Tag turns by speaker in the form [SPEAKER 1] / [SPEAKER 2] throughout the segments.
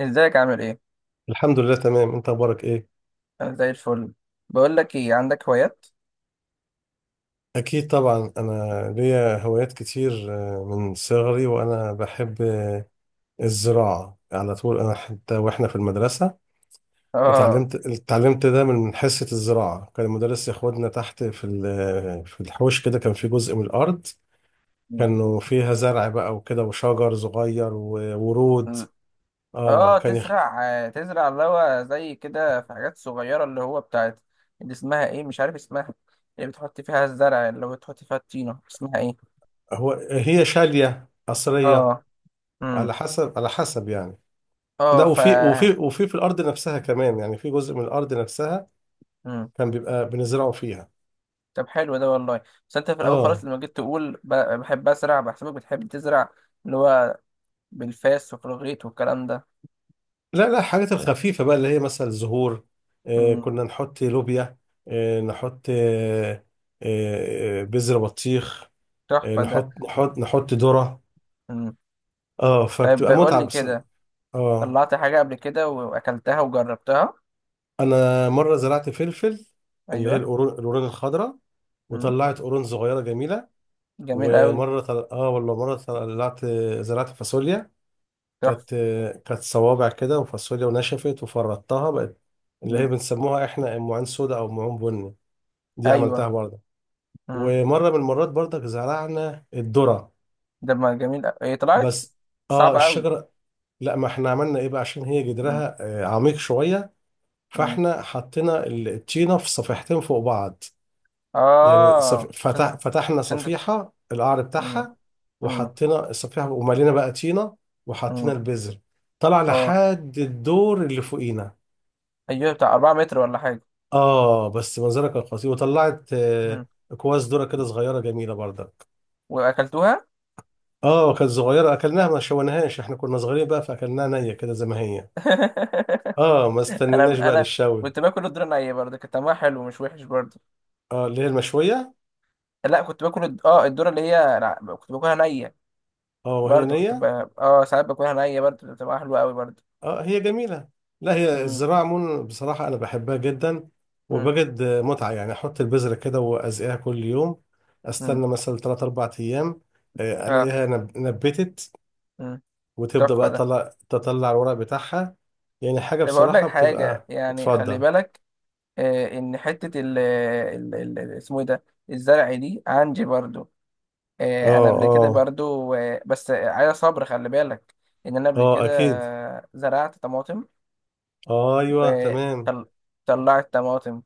[SPEAKER 1] ازيك عامل ايه؟
[SPEAKER 2] الحمد لله تمام، انت اخبارك ايه؟
[SPEAKER 1] انا زي الفل. بقول لك ايه، عندك هوايات؟
[SPEAKER 2] اكيد طبعا، انا ليا هوايات كتير. من صغري وانا بحب الزراعة على طول. انا حتى واحنا في المدرسة
[SPEAKER 1] اه.
[SPEAKER 2] اتعلمت ده من حصة الزراعة. كان المدرس ياخدنا تحت في الحوش كده. كان في جزء من الارض كانوا فيها زرع بقى وكده وشجر صغير وورود.
[SPEAKER 1] م-
[SPEAKER 2] اه.
[SPEAKER 1] اه، تزرع اللي هو زي كده في حاجات صغيرة اللي هو بتاعت. اللي اسمها ايه، مش عارف اسمها، اللي بتحط فيها الزرع، اللي هو بتحط فيها الطينة، اسمها ايه؟
[SPEAKER 2] هي شالية قصرية.
[SPEAKER 1] اه. امم.
[SPEAKER 2] على حسب يعني.
[SPEAKER 1] اه
[SPEAKER 2] ده وفي وفي وفي في الارض نفسها كمان، يعني في جزء من الارض نفسها
[SPEAKER 1] امم.
[SPEAKER 2] كان بيبقى بنزرعه فيها.
[SPEAKER 1] طب حلو ده والله. بس انت في الاول خالص
[SPEAKER 2] اه،
[SPEAKER 1] لما جيت تقول بحب ازرع بحسبك بتحب تزرع، اللي هو بالفاس وفي الغيط والكلام ده.
[SPEAKER 2] لا، لا، الحاجات الخفيفه بقى اللي هي مثلا زهور.
[SPEAKER 1] امم.
[SPEAKER 2] كنا نحط لوبيا. نحط بذر بطيخ.
[SPEAKER 1] تحفة ده.
[SPEAKER 2] نحط ذره.
[SPEAKER 1] امم.
[SPEAKER 2] اه،
[SPEAKER 1] طيب
[SPEAKER 2] فبتبقى
[SPEAKER 1] قول
[SPEAKER 2] متعه
[SPEAKER 1] لي
[SPEAKER 2] بس.
[SPEAKER 1] كده،
[SPEAKER 2] اه،
[SPEAKER 1] طلعت حاجة قبل كده وأكلتها وجربتها؟
[SPEAKER 2] انا مره زرعت فلفل، اللي هي
[SPEAKER 1] أيوة.
[SPEAKER 2] القرون الخضراء.
[SPEAKER 1] مم.
[SPEAKER 2] وطلعت قرون صغيره جميله.
[SPEAKER 1] جميل أوي.
[SPEAKER 2] اه، والله مره زرعت فاصوليا.
[SPEAKER 1] تحفة.
[SPEAKER 2] كانت كانت صوابع كده وفاصوليا، ونشفت وفردتها بقت اللي هي
[SPEAKER 1] مم.
[SPEAKER 2] بنسموها احنا معين سودا او معين بني. دي عملتها
[SPEAKER 1] أيوة.
[SPEAKER 2] برضه.
[SPEAKER 1] مم.
[SPEAKER 2] ومره من المرات برضك زرعنا الذره
[SPEAKER 1] ده ما جميل أوي. إيه، طلعت
[SPEAKER 2] بس. اه،
[SPEAKER 1] صعبة أوي؟
[SPEAKER 2] الشجره. لا، ما احنا عملنا ايه بقى عشان هي
[SPEAKER 1] مم.
[SPEAKER 2] جدرها عميق شويه.
[SPEAKER 1] مم.
[SPEAKER 2] فاحنا حطينا الطينه في صفيحتين فوق بعض. يعني
[SPEAKER 1] آه، عشان.
[SPEAKER 2] فتحنا
[SPEAKER 1] عشان ده.
[SPEAKER 2] صفيحه القعر
[SPEAKER 1] مم.
[SPEAKER 2] بتاعها.
[SPEAKER 1] مم.
[SPEAKER 2] وحطينا الصفيحه وملينا بقى طينه وحطينا
[SPEAKER 1] مم.
[SPEAKER 2] البذر. طلع
[SPEAKER 1] آه.
[SPEAKER 2] لحد الدور اللي فوقينا.
[SPEAKER 1] أيوة، بتاع 4 متر ولا حاجة.
[SPEAKER 2] اه، بس منظرها كان خطير. وطلعت
[SPEAKER 1] مم.
[SPEAKER 2] اكواز ذره كده صغيره جميله برضك.
[SPEAKER 1] وأكلتوها؟
[SPEAKER 2] اه، كانت صغيره اكلناها، ما شويناهاش. احنا كنا صغيرين بقى فاكلناها نيه كده زي ما هي. اه، ما استنيناش
[SPEAKER 1] أنا
[SPEAKER 2] بقى
[SPEAKER 1] أنا
[SPEAKER 2] للشوي.
[SPEAKER 1] كنت باكل الدورة نية برضه، كان طعمها حلو مش وحش برضه.
[SPEAKER 2] اه، اللي هي المشويه.
[SPEAKER 1] لا، كنت باكل الدورة اللي هي، لا، كنت باكلها نية.
[SPEAKER 2] اه، وهي
[SPEAKER 1] برضه
[SPEAKER 2] نيه.
[SPEAKER 1] اه، ساعات باكلها نية برضه، بتبقى حلوة أوي برضه.
[SPEAKER 2] اه، هي جميله. لا، هي
[SPEAKER 1] مم.
[SPEAKER 2] الزراعه عموما بصراحه انا بحبها جدا.
[SPEAKER 1] مم.
[SPEAKER 2] وبجد متعه. يعني احط البذره كده وازقيها كل يوم.
[SPEAKER 1] مم.
[SPEAKER 2] استنى مثلا 3 4 ايام.
[SPEAKER 1] اه.
[SPEAKER 2] الاقيها نبتت.
[SPEAKER 1] مم.
[SPEAKER 2] وتبدأ
[SPEAKER 1] تحفة
[SPEAKER 2] بقى
[SPEAKER 1] ده.
[SPEAKER 2] تطلع الورق بتاعها. يعني حاجة
[SPEAKER 1] إيه، بقول لك
[SPEAKER 2] بصراحة
[SPEAKER 1] حاجة
[SPEAKER 2] بتبقى
[SPEAKER 1] يعني، خلي
[SPEAKER 2] اتفضل.
[SPEAKER 1] بالك، آه، إن حتة اسمه إيه ده، الزرع دي عندي برضو. آه، أنا
[SPEAKER 2] اه.
[SPEAKER 1] قبل كده
[SPEAKER 2] اه.
[SPEAKER 1] برضو، آه، بس عايز صبر، خلي بالك إن أنا قبل
[SPEAKER 2] اه.
[SPEAKER 1] كده،
[SPEAKER 2] اكيد.
[SPEAKER 1] آه، زرعت طماطم.
[SPEAKER 2] ايوه، تمام.
[SPEAKER 1] وطلعت طماطم،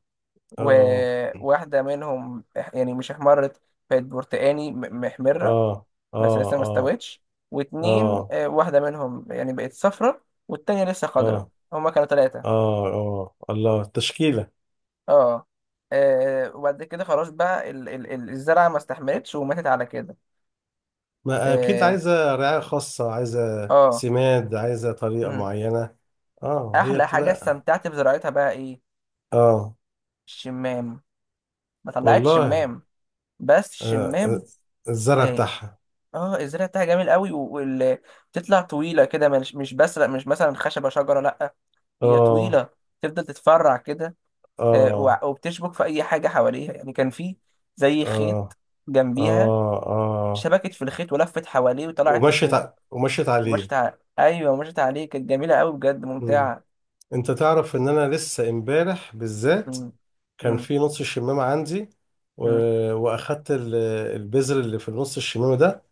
[SPEAKER 2] اه.
[SPEAKER 1] وواحدة منهم يعني مش احمرت، بقت برتقاني، محمرة،
[SPEAKER 2] اه.
[SPEAKER 1] بس لسه
[SPEAKER 2] اه.
[SPEAKER 1] ما
[SPEAKER 2] اه.
[SPEAKER 1] استوتش. واتنين،
[SPEAKER 2] اه.
[SPEAKER 1] آه، واحدة منهم يعني بقت صفرة والتانية لسه خضرة،
[SPEAKER 2] اه.
[SPEAKER 1] هما كانوا تلاتة.
[SPEAKER 2] اه. اه. الله، التشكيلة.
[SPEAKER 1] اه. آه، وبعد كده خلاص بقى الزرعة ما استحملتش وماتت على كده.
[SPEAKER 2] ما اكيد
[SPEAKER 1] اه،
[SPEAKER 2] عايزة رعاية خاصة، عايزة
[SPEAKER 1] اه.
[SPEAKER 2] سماد، عايزة طريقة
[SPEAKER 1] مم.
[SPEAKER 2] معينة. اه، هي
[SPEAKER 1] أحلى حاجة
[SPEAKER 2] بتبقى.
[SPEAKER 1] استمتعت بزراعتها بقى إيه؟
[SPEAKER 2] اه،
[SPEAKER 1] الشمام. ما طلعتش
[SPEAKER 2] والله.
[SPEAKER 1] شمام. بس
[SPEAKER 2] آه
[SPEAKER 1] الشمام،
[SPEAKER 2] آه، الزرع
[SPEAKER 1] اه،
[SPEAKER 2] بتاعها.
[SPEAKER 1] اه، الزرع بتاعها جميل قوي، وبتطلع طويلة كده، مش بس مش مثلا خشبة شجرة، لأ، هي
[SPEAKER 2] اه.
[SPEAKER 1] طويلة، تفضل تتفرع كده، آه،
[SPEAKER 2] اه.
[SPEAKER 1] وبتشبك في اي حاجه حواليها. يعني كان في زي
[SPEAKER 2] اه.
[SPEAKER 1] خيط
[SPEAKER 2] اه.
[SPEAKER 1] جنبيها،
[SPEAKER 2] اه.
[SPEAKER 1] شبكت في الخيط ولفت حواليه وطلعت لفوق.
[SPEAKER 2] ومشيت عليه.
[SPEAKER 1] ومشت على، ايوه، مشت عليه، كانت جميله قوي بجد،
[SPEAKER 2] مم.
[SPEAKER 1] ممتعه.
[SPEAKER 2] انت تعرف ان انا لسه امبارح بالذات
[SPEAKER 1] مم.
[SPEAKER 2] كان
[SPEAKER 1] مم.
[SPEAKER 2] في نص الشمامة عندي. و...
[SPEAKER 1] مم.
[SPEAKER 2] واخدت البذر اللي في نص الشمامة ده.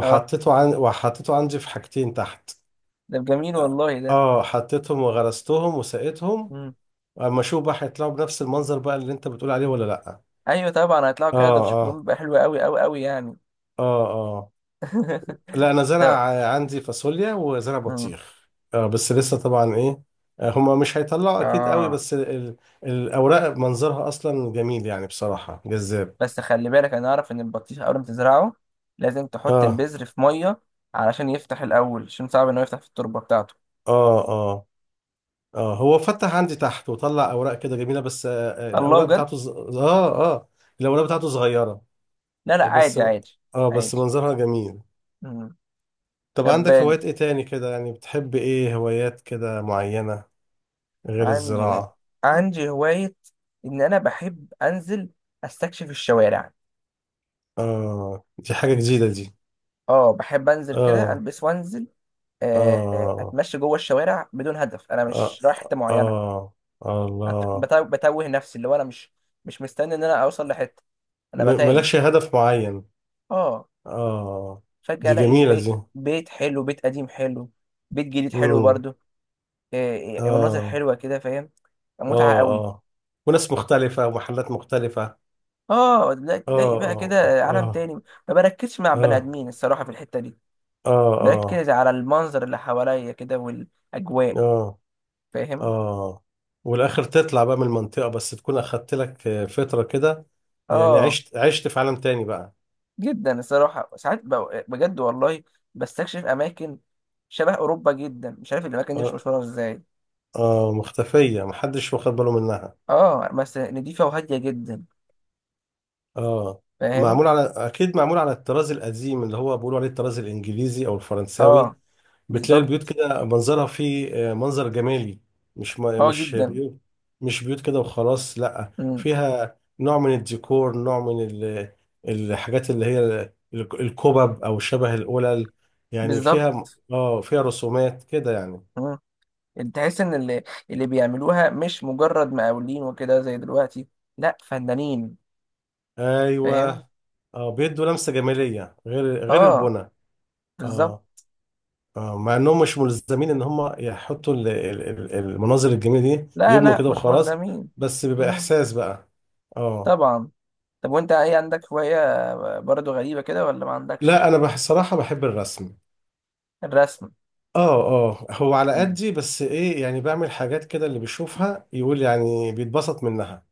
[SPEAKER 1] اه.
[SPEAKER 2] عن... وحطيته عندي في حاجتين تحت.
[SPEAKER 1] ده جميل والله ده.
[SPEAKER 2] اه، حطيتهم وغرستهم وسقيتهم.
[SPEAKER 1] مم.
[SPEAKER 2] اما اشوف بقى هيطلعوا بنفس المنظر بقى اللي انت بتقول عليه ولا لا.
[SPEAKER 1] ايوه طبعا هيطلعوا
[SPEAKER 2] اه.
[SPEAKER 1] كده، دول شكلهم
[SPEAKER 2] اه.
[SPEAKER 1] بيبقى حلو قوي قوي قوي يعني.
[SPEAKER 2] اه. اه. لا، انا زرع
[SPEAKER 1] طب.
[SPEAKER 2] عندي فاصوليا وزرع
[SPEAKER 1] مم.
[SPEAKER 2] بطيخ، بس لسه طبعا ايه. هما مش هيطلعوا اكيد قوي،
[SPEAKER 1] اه،
[SPEAKER 2] بس ال ال الاوراق منظرها اصلا جميل يعني بصراحة جذاب.
[SPEAKER 1] بس خلي بالك، انا اعرف ان البطيخ اول ما تزرعه لازم تحط
[SPEAKER 2] اه.
[SPEAKER 1] البذر في ميه علشان يفتح الاول، عشان صعب انه يفتح في التربه بتاعته.
[SPEAKER 2] اه. اه. اه. هو فتح عندي تحت وطلع اوراق كده جميلة، بس
[SPEAKER 1] الله، بجد.
[SPEAKER 2] الاوراق بتاعته صغيرة.
[SPEAKER 1] لا، لا،
[SPEAKER 2] آه، بس
[SPEAKER 1] عادي عادي
[SPEAKER 2] اه بس
[SPEAKER 1] عادي.
[SPEAKER 2] منظرها جميل.
[SPEAKER 1] مم.
[SPEAKER 2] طب
[SPEAKER 1] طب،
[SPEAKER 2] عندك هوايات ايه تاني كده؟ يعني بتحب ايه، هوايات كده معينة غير
[SPEAKER 1] عندي
[SPEAKER 2] الزراعة؟
[SPEAKER 1] عندي هواية، إن أنا بحب أنزل أستكشف الشوارع.
[SPEAKER 2] اه، دي حاجة جديدة دي.
[SPEAKER 1] أه، بحب أنزل كده
[SPEAKER 2] اه.
[SPEAKER 1] ألبس وأنزل، آه، آه،
[SPEAKER 2] آه.
[SPEAKER 1] أتمشى جوه الشوارع بدون هدف، أنا
[SPEAKER 2] آه.
[SPEAKER 1] مش رايح حتة معينة.
[SPEAKER 2] آه. الله.
[SPEAKER 1] بتوه نفسي، اللي هو أنا مش مستني إن أنا أوصل لحتة، أنا بتايه.
[SPEAKER 2] مالكش هدف معين.
[SPEAKER 1] أه،
[SPEAKER 2] آه.
[SPEAKER 1] فجأة
[SPEAKER 2] دي
[SPEAKER 1] ألاقي
[SPEAKER 2] جميلة دي.
[SPEAKER 1] بيت حلو، بيت قديم حلو، بيت جديد حلو
[SPEAKER 2] مم.
[SPEAKER 1] برضه، آه، آه، مناظر
[SPEAKER 2] آه.
[SPEAKER 1] حلوة كده، فاهم؟ متعة
[SPEAKER 2] آه.
[SPEAKER 1] قوي.
[SPEAKER 2] آه. وناس مختلفة ومحلات مختلفة.
[SPEAKER 1] اه، تلاقي
[SPEAKER 2] آه.
[SPEAKER 1] تلاقي بقى
[SPEAKER 2] آه.
[SPEAKER 1] كده عالم
[SPEAKER 2] آه.
[SPEAKER 1] تاني، ما بركزش مع بني
[SPEAKER 2] آه.
[SPEAKER 1] ادمين الصراحه في الحته دي،
[SPEAKER 2] آه. آه.
[SPEAKER 1] بركز على المنظر اللي حواليا كده
[SPEAKER 2] آه.
[SPEAKER 1] والاجواء،
[SPEAKER 2] آه.
[SPEAKER 1] فاهم؟
[SPEAKER 2] آه. والآخر تطلع بقى من المنطقة بس تكون أخدت لك فترة كده. يعني
[SPEAKER 1] اه،
[SPEAKER 2] عشت في عالم تاني بقى.
[SPEAKER 1] جدا الصراحه. ساعات بجد والله، بستكشف اماكن شبه اوروبا جدا، مش عارف الاماكن دي مش
[SPEAKER 2] آه.
[SPEAKER 1] مشهوره ازاي.
[SPEAKER 2] آه. مختفية محدش واخد باله منها.
[SPEAKER 1] اه، بس نضيفه وهاديه جدا،
[SPEAKER 2] اه،
[SPEAKER 1] فاهم؟
[SPEAKER 2] معمول على، اكيد معمول على الطراز القديم اللي هو بيقولوا عليه الطراز الانجليزي او الفرنساوي.
[SPEAKER 1] اه،
[SPEAKER 2] بتلاقي البيوت
[SPEAKER 1] بالظبط.
[SPEAKER 2] كده منظرها فيه منظر جمالي. مش
[SPEAKER 1] اه،
[SPEAKER 2] مش
[SPEAKER 1] جدا.
[SPEAKER 2] بيوت. مش بيوت كده وخلاص، لا،
[SPEAKER 1] امم.
[SPEAKER 2] فيها نوع من الديكور، نوع من الحاجات اللي هي الكوبب او شبه القلل. يعني
[SPEAKER 1] بالظبط.
[SPEAKER 2] فيها رسومات كده يعني.
[SPEAKER 1] امم. تحس ان اللي بيعملوها مش مجرد مقاولين وكده زي دلوقتي، لا، فنانين، فاهم؟
[SPEAKER 2] ايوه. اه، بيدوا لمسة جمالية، غير
[SPEAKER 1] اه،
[SPEAKER 2] البنى.
[SPEAKER 1] بالظبط.
[SPEAKER 2] اه. مع انهم مش ملزمين ان هم يحطوا المناظر الجميله دي،
[SPEAKER 1] لا،
[SPEAKER 2] يبنوا
[SPEAKER 1] لا،
[SPEAKER 2] كده
[SPEAKER 1] مش
[SPEAKER 2] وخلاص.
[SPEAKER 1] ملزمين.
[SPEAKER 2] بس بيبقى
[SPEAKER 1] مم.
[SPEAKER 2] احساس بقى. اه.
[SPEAKER 1] طبعا. طب وانت ايه، عندك هواية برضو غريبة كده ولا ما
[SPEAKER 2] لا،
[SPEAKER 1] عندكش؟
[SPEAKER 2] انا بصراحه بحب الرسم.
[SPEAKER 1] الرسم.
[SPEAKER 2] اه. اه، هو على
[SPEAKER 1] مم.
[SPEAKER 2] قدي، بس ايه يعني، بعمل حاجات كده اللي بيشوفها يقول يعني بيتبسط منها.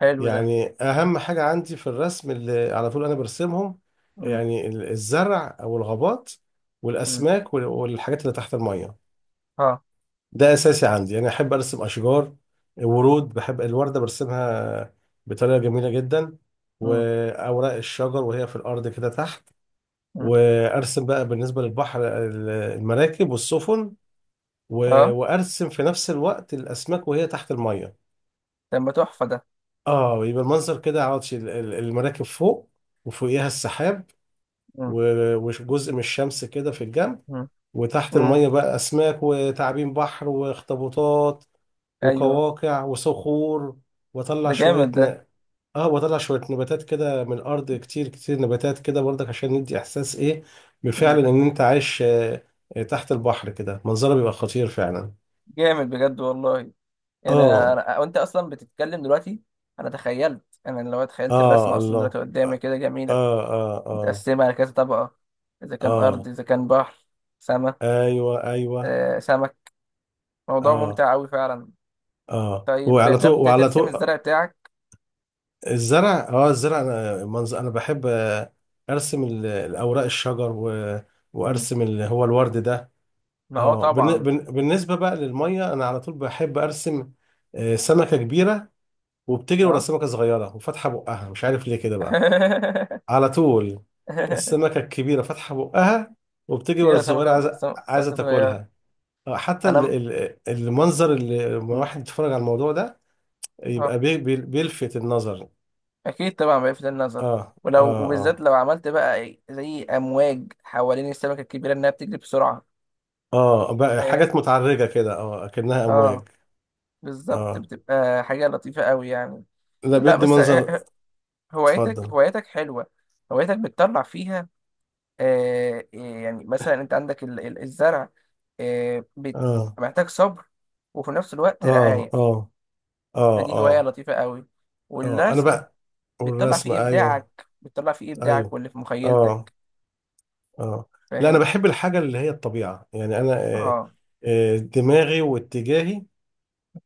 [SPEAKER 1] حلو ده.
[SPEAKER 2] يعني اهم حاجه عندي في الرسم اللي على طول انا برسمهم،
[SPEAKER 1] مم.
[SPEAKER 2] يعني الزرع او الغابات
[SPEAKER 1] مم.
[SPEAKER 2] والاسماك والحاجات اللي تحت الميه.
[SPEAKER 1] اه.
[SPEAKER 2] ده اساسي عندي، انا احب ارسم اشجار، ورود، بحب الورده برسمها بطريقه جميله جدا،
[SPEAKER 1] مم.
[SPEAKER 2] واوراق الشجر وهي في الارض كده تحت.
[SPEAKER 1] مم.
[SPEAKER 2] وارسم بقى بالنسبه للبحر المراكب والسفن.
[SPEAKER 1] اه.
[SPEAKER 2] وارسم في نفس الوقت الاسماك وهي تحت الميه.
[SPEAKER 1] ده ما تحفة ده.
[SPEAKER 2] اه، يبقى المنظر كده عاوز المراكب فوق، وفوقيها السحاب،
[SPEAKER 1] مم.
[SPEAKER 2] وجزء من الشمس كده في الجنب.
[SPEAKER 1] مم.
[SPEAKER 2] وتحت
[SPEAKER 1] مم.
[SPEAKER 2] المية بقى، أسماك وتعابين بحر واخطبوطات،
[SPEAKER 1] ايوه.
[SPEAKER 2] وقواقع وصخور.
[SPEAKER 1] ده
[SPEAKER 2] وأطلع
[SPEAKER 1] جامد
[SPEAKER 2] شوية
[SPEAKER 1] ده.
[SPEAKER 2] ن... وأطلع شوية نباتات كده من الأرض، كتير كتير نباتات كده برضك، عشان ندي إحساس إيه،
[SPEAKER 1] مم.
[SPEAKER 2] بالفعل إن أنت عايش تحت البحر كده منظره بيبقى خطير فعلا.
[SPEAKER 1] جامد بجد والله. انا
[SPEAKER 2] آه.
[SPEAKER 1] انا وانت اصلا بتتكلم دلوقتي، انا لو تخيلت
[SPEAKER 2] آه.
[SPEAKER 1] الرسمة اصلا دلوقتي
[SPEAKER 2] الله.
[SPEAKER 1] قدامي كده جميلة،
[SPEAKER 2] آه. آه. آه.
[SPEAKER 1] متقسمة على كذا طبقة، اذا كان ارض،
[SPEAKER 2] آه.
[SPEAKER 1] اذا كان بحر، سما،
[SPEAKER 2] أيوه. أيوه.
[SPEAKER 1] آه، سمك. موضوع
[SPEAKER 2] آه.
[SPEAKER 1] ممتع أوي فعلا.
[SPEAKER 2] آه.
[SPEAKER 1] طيب
[SPEAKER 2] وعلى طول
[SPEAKER 1] جربت
[SPEAKER 2] وعلى
[SPEAKER 1] ترسم
[SPEAKER 2] طول.
[SPEAKER 1] الزرع بتاعك؟
[SPEAKER 2] الزرع، اه، الزرع انا منظر، انا بحب ارسم الاوراق الشجر.
[SPEAKER 1] مم.
[SPEAKER 2] وارسم اللي هو الورد ده.
[SPEAKER 1] اه،
[SPEAKER 2] اه،
[SPEAKER 1] طبعا.
[SPEAKER 2] بالنسبه بقى للميه انا على طول بحب ارسم سمكه كبيره وبتجري ورا
[SPEAKER 1] اه.
[SPEAKER 2] سمكه صغيره وفاتحه بقها، مش عارف ليه كده بقى. على طول السمكه الكبيره فاتحه بقها وبتجري
[SPEAKER 1] تيجي
[SPEAKER 2] ورا
[SPEAKER 1] على
[SPEAKER 2] الصغيره عايزه عايزه
[SPEAKER 1] سمكة صغيرة.
[SPEAKER 2] تاكلها. حتى
[SPEAKER 1] أنا.
[SPEAKER 2] المنظر اللي لما
[SPEAKER 1] مم.
[SPEAKER 2] واحد يتفرج على الموضوع ده
[SPEAKER 1] اه.
[SPEAKER 2] يبقى بيلفت النظر.
[SPEAKER 1] أكيد طبعا بيلفت النظر.
[SPEAKER 2] اه.
[SPEAKER 1] ولو،
[SPEAKER 2] اه.
[SPEAKER 1] وبالذات
[SPEAKER 2] اه،
[SPEAKER 1] لو عملت بقى، إيه، زي أمواج حوالين السمكة الكبيرة إنها بتجري بسرعة،
[SPEAKER 2] اه بقى
[SPEAKER 1] فاهم؟
[SPEAKER 2] حاجات متعرجة كده، اه اكنها
[SPEAKER 1] اه،
[SPEAKER 2] امواج.
[SPEAKER 1] بالظبط،
[SPEAKER 2] اه.
[SPEAKER 1] بتبقى حاجة لطيفة أوي يعني.
[SPEAKER 2] لا
[SPEAKER 1] لا
[SPEAKER 2] بدي
[SPEAKER 1] بس، آه،
[SPEAKER 2] منظر.
[SPEAKER 1] آه، هوايتك
[SPEAKER 2] اتفضل.
[SPEAKER 1] هوايتك حلوة، هوايتك بتطلع فيها، آه، إيه، يعني مثلا انت عندك الزرع، آه،
[SPEAKER 2] اه.
[SPEAKER 1] محتاج صبر وفي نفس الوقت
[SPEAKER 2] اه.
[SPEAKER 1] رعاية،
[SPEAKER 2] اه. اه.
[SPEAKER 1] فدي هواية
[SPEAKER 2] اه.
[SPEAKER 1] لطيفة قوي.
[SPEAKER 2] اه. انا
[SPEAKER 1] والرسم
[SPEAKER 2] بقى.
[SPEAKER 1] بتطلع
[SPEAKER 2] والرسم،
[SPEAKER 1] فيه
[SPEAKER 2] ايوه.
[SPEAKER 1] إبداعك، بتطلع فيه إبداعك
[SPEAKER 2] ايوه.
[SPEAKER 1] واللي في
[SPEAKER 2] اه.
[SPEAKER 1] مخيلتك،
[SPEAKER 2] اه. لا، انا
[SPEAKER 1] فاهم؟
[SPEAKER 2] بحب الحاجة اللي هي الطبيعة يعني انا آه،
[SPEAKER 1] اه.
[SPEAKER 2] دماغي واتجاهي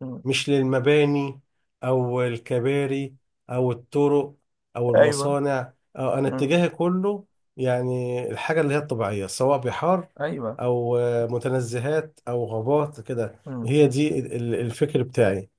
[SPEAKER 1] مم.
[SPEAKER 2] مش للمباني أو الكباري أو الطرق أو
[SPEAKER 1] ايوه.
[SPEAKER 2] المصانع، أو أنا
[SPEAKER 1] مم.
[SPEAKER 2] اتجاهي كله يعني الحاجة اللي هي الطبيعية، سواء بحار
[SPEAKER 1] ايوه.
[SPEAKER 2] أو متنزهات أو غابات كده،
[SPEAKER 1] مم.
[SPEAKER 2] هي دي الفكر بتاعي.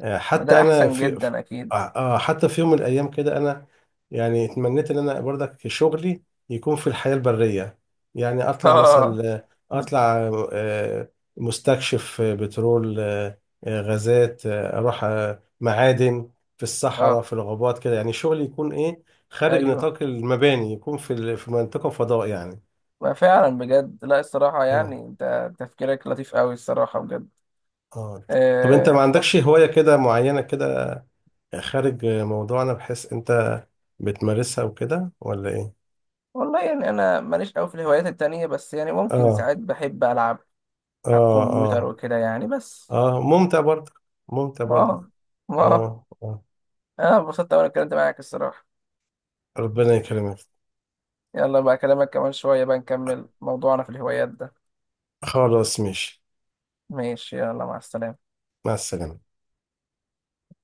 [SPEAKER 1] ما ده
[SPEAKER 2] حتى انا
[SPEAKER 1] أحسن جدا أكيد.
[SPEAKER 2] حتى في يوم من الايام كده انا يعني اتمنيت ان انا برضك شغلي يكون في الحياة البرية. يعني اطلع
[SPEAKER 1] اه.
[SPEAKER 2] مثلا.
[SPEAKER 1] مم.
[SPEAKER 2] اطلع آه، مستكشف بترول، غازات، اروح معادن، في الصحراء
[SPEAKER 1] اه.
[SPEAKER 2] في الغابات كده. يعني شغلي يكون ايه، خارج
[SPEAKER 1] ايوه.
[SPEAKER 2] نطاق المباني، يكون في منطقة فضاء يعني.
[SPEAKER 1] ما فعلا بجد، لا، الصراحة يعني،
[SPEAKER 2] اه.
[SPEAKER 1] انت تفكيرك لطيف قوي الصراحة بجد.
[SPEAKER 2] اه. طب انت ما
[SPEAKER 1] آه،
[SPEAKER 2] عندكش
[SPEAKER 1] بس،
[SPEAKER 2] هواية كده معينة كده خارج موضوعنا بحيث انت بتمارسها وكده ولا ايه؟
[SPEAKER 1] والله يعني انا ماليش قوي في الهوايات التانية، بس يعني ممكن
[SPEAKER 2] اه.
[SPEAKER 1] ساعات بحب العب على
[SPEAKER 2] اه.
[SPEAKER 1] الكمبيوتر
[SPEAKER 2] اه.
[SPEAKER 1] وكده يعني بس.
[SPEAKER 2] اه، ممتع برضه، ممتع
[SPEAKER 1] ما
[SPEAKER 2] برضه.
[SPEAKER 1] أه، ما أه.
[SPEAKER 2] اه, آه.
[SPEAKER 1] انا انبسطت وانا اتكلمت معاك الصراحة.
[SPEAKER 2] ربنا يكرمك.
[SPEAKER 1] يلا بقى اكلمك كمان شوية بقى، نكمل موضوعنا في الهوايات ده.
[SPEAKER 2] خلاص، ماشي.
[SPEAKER 1] ماشي، يلا مع السلامة.
[SPEAKER 2] مع السلامة.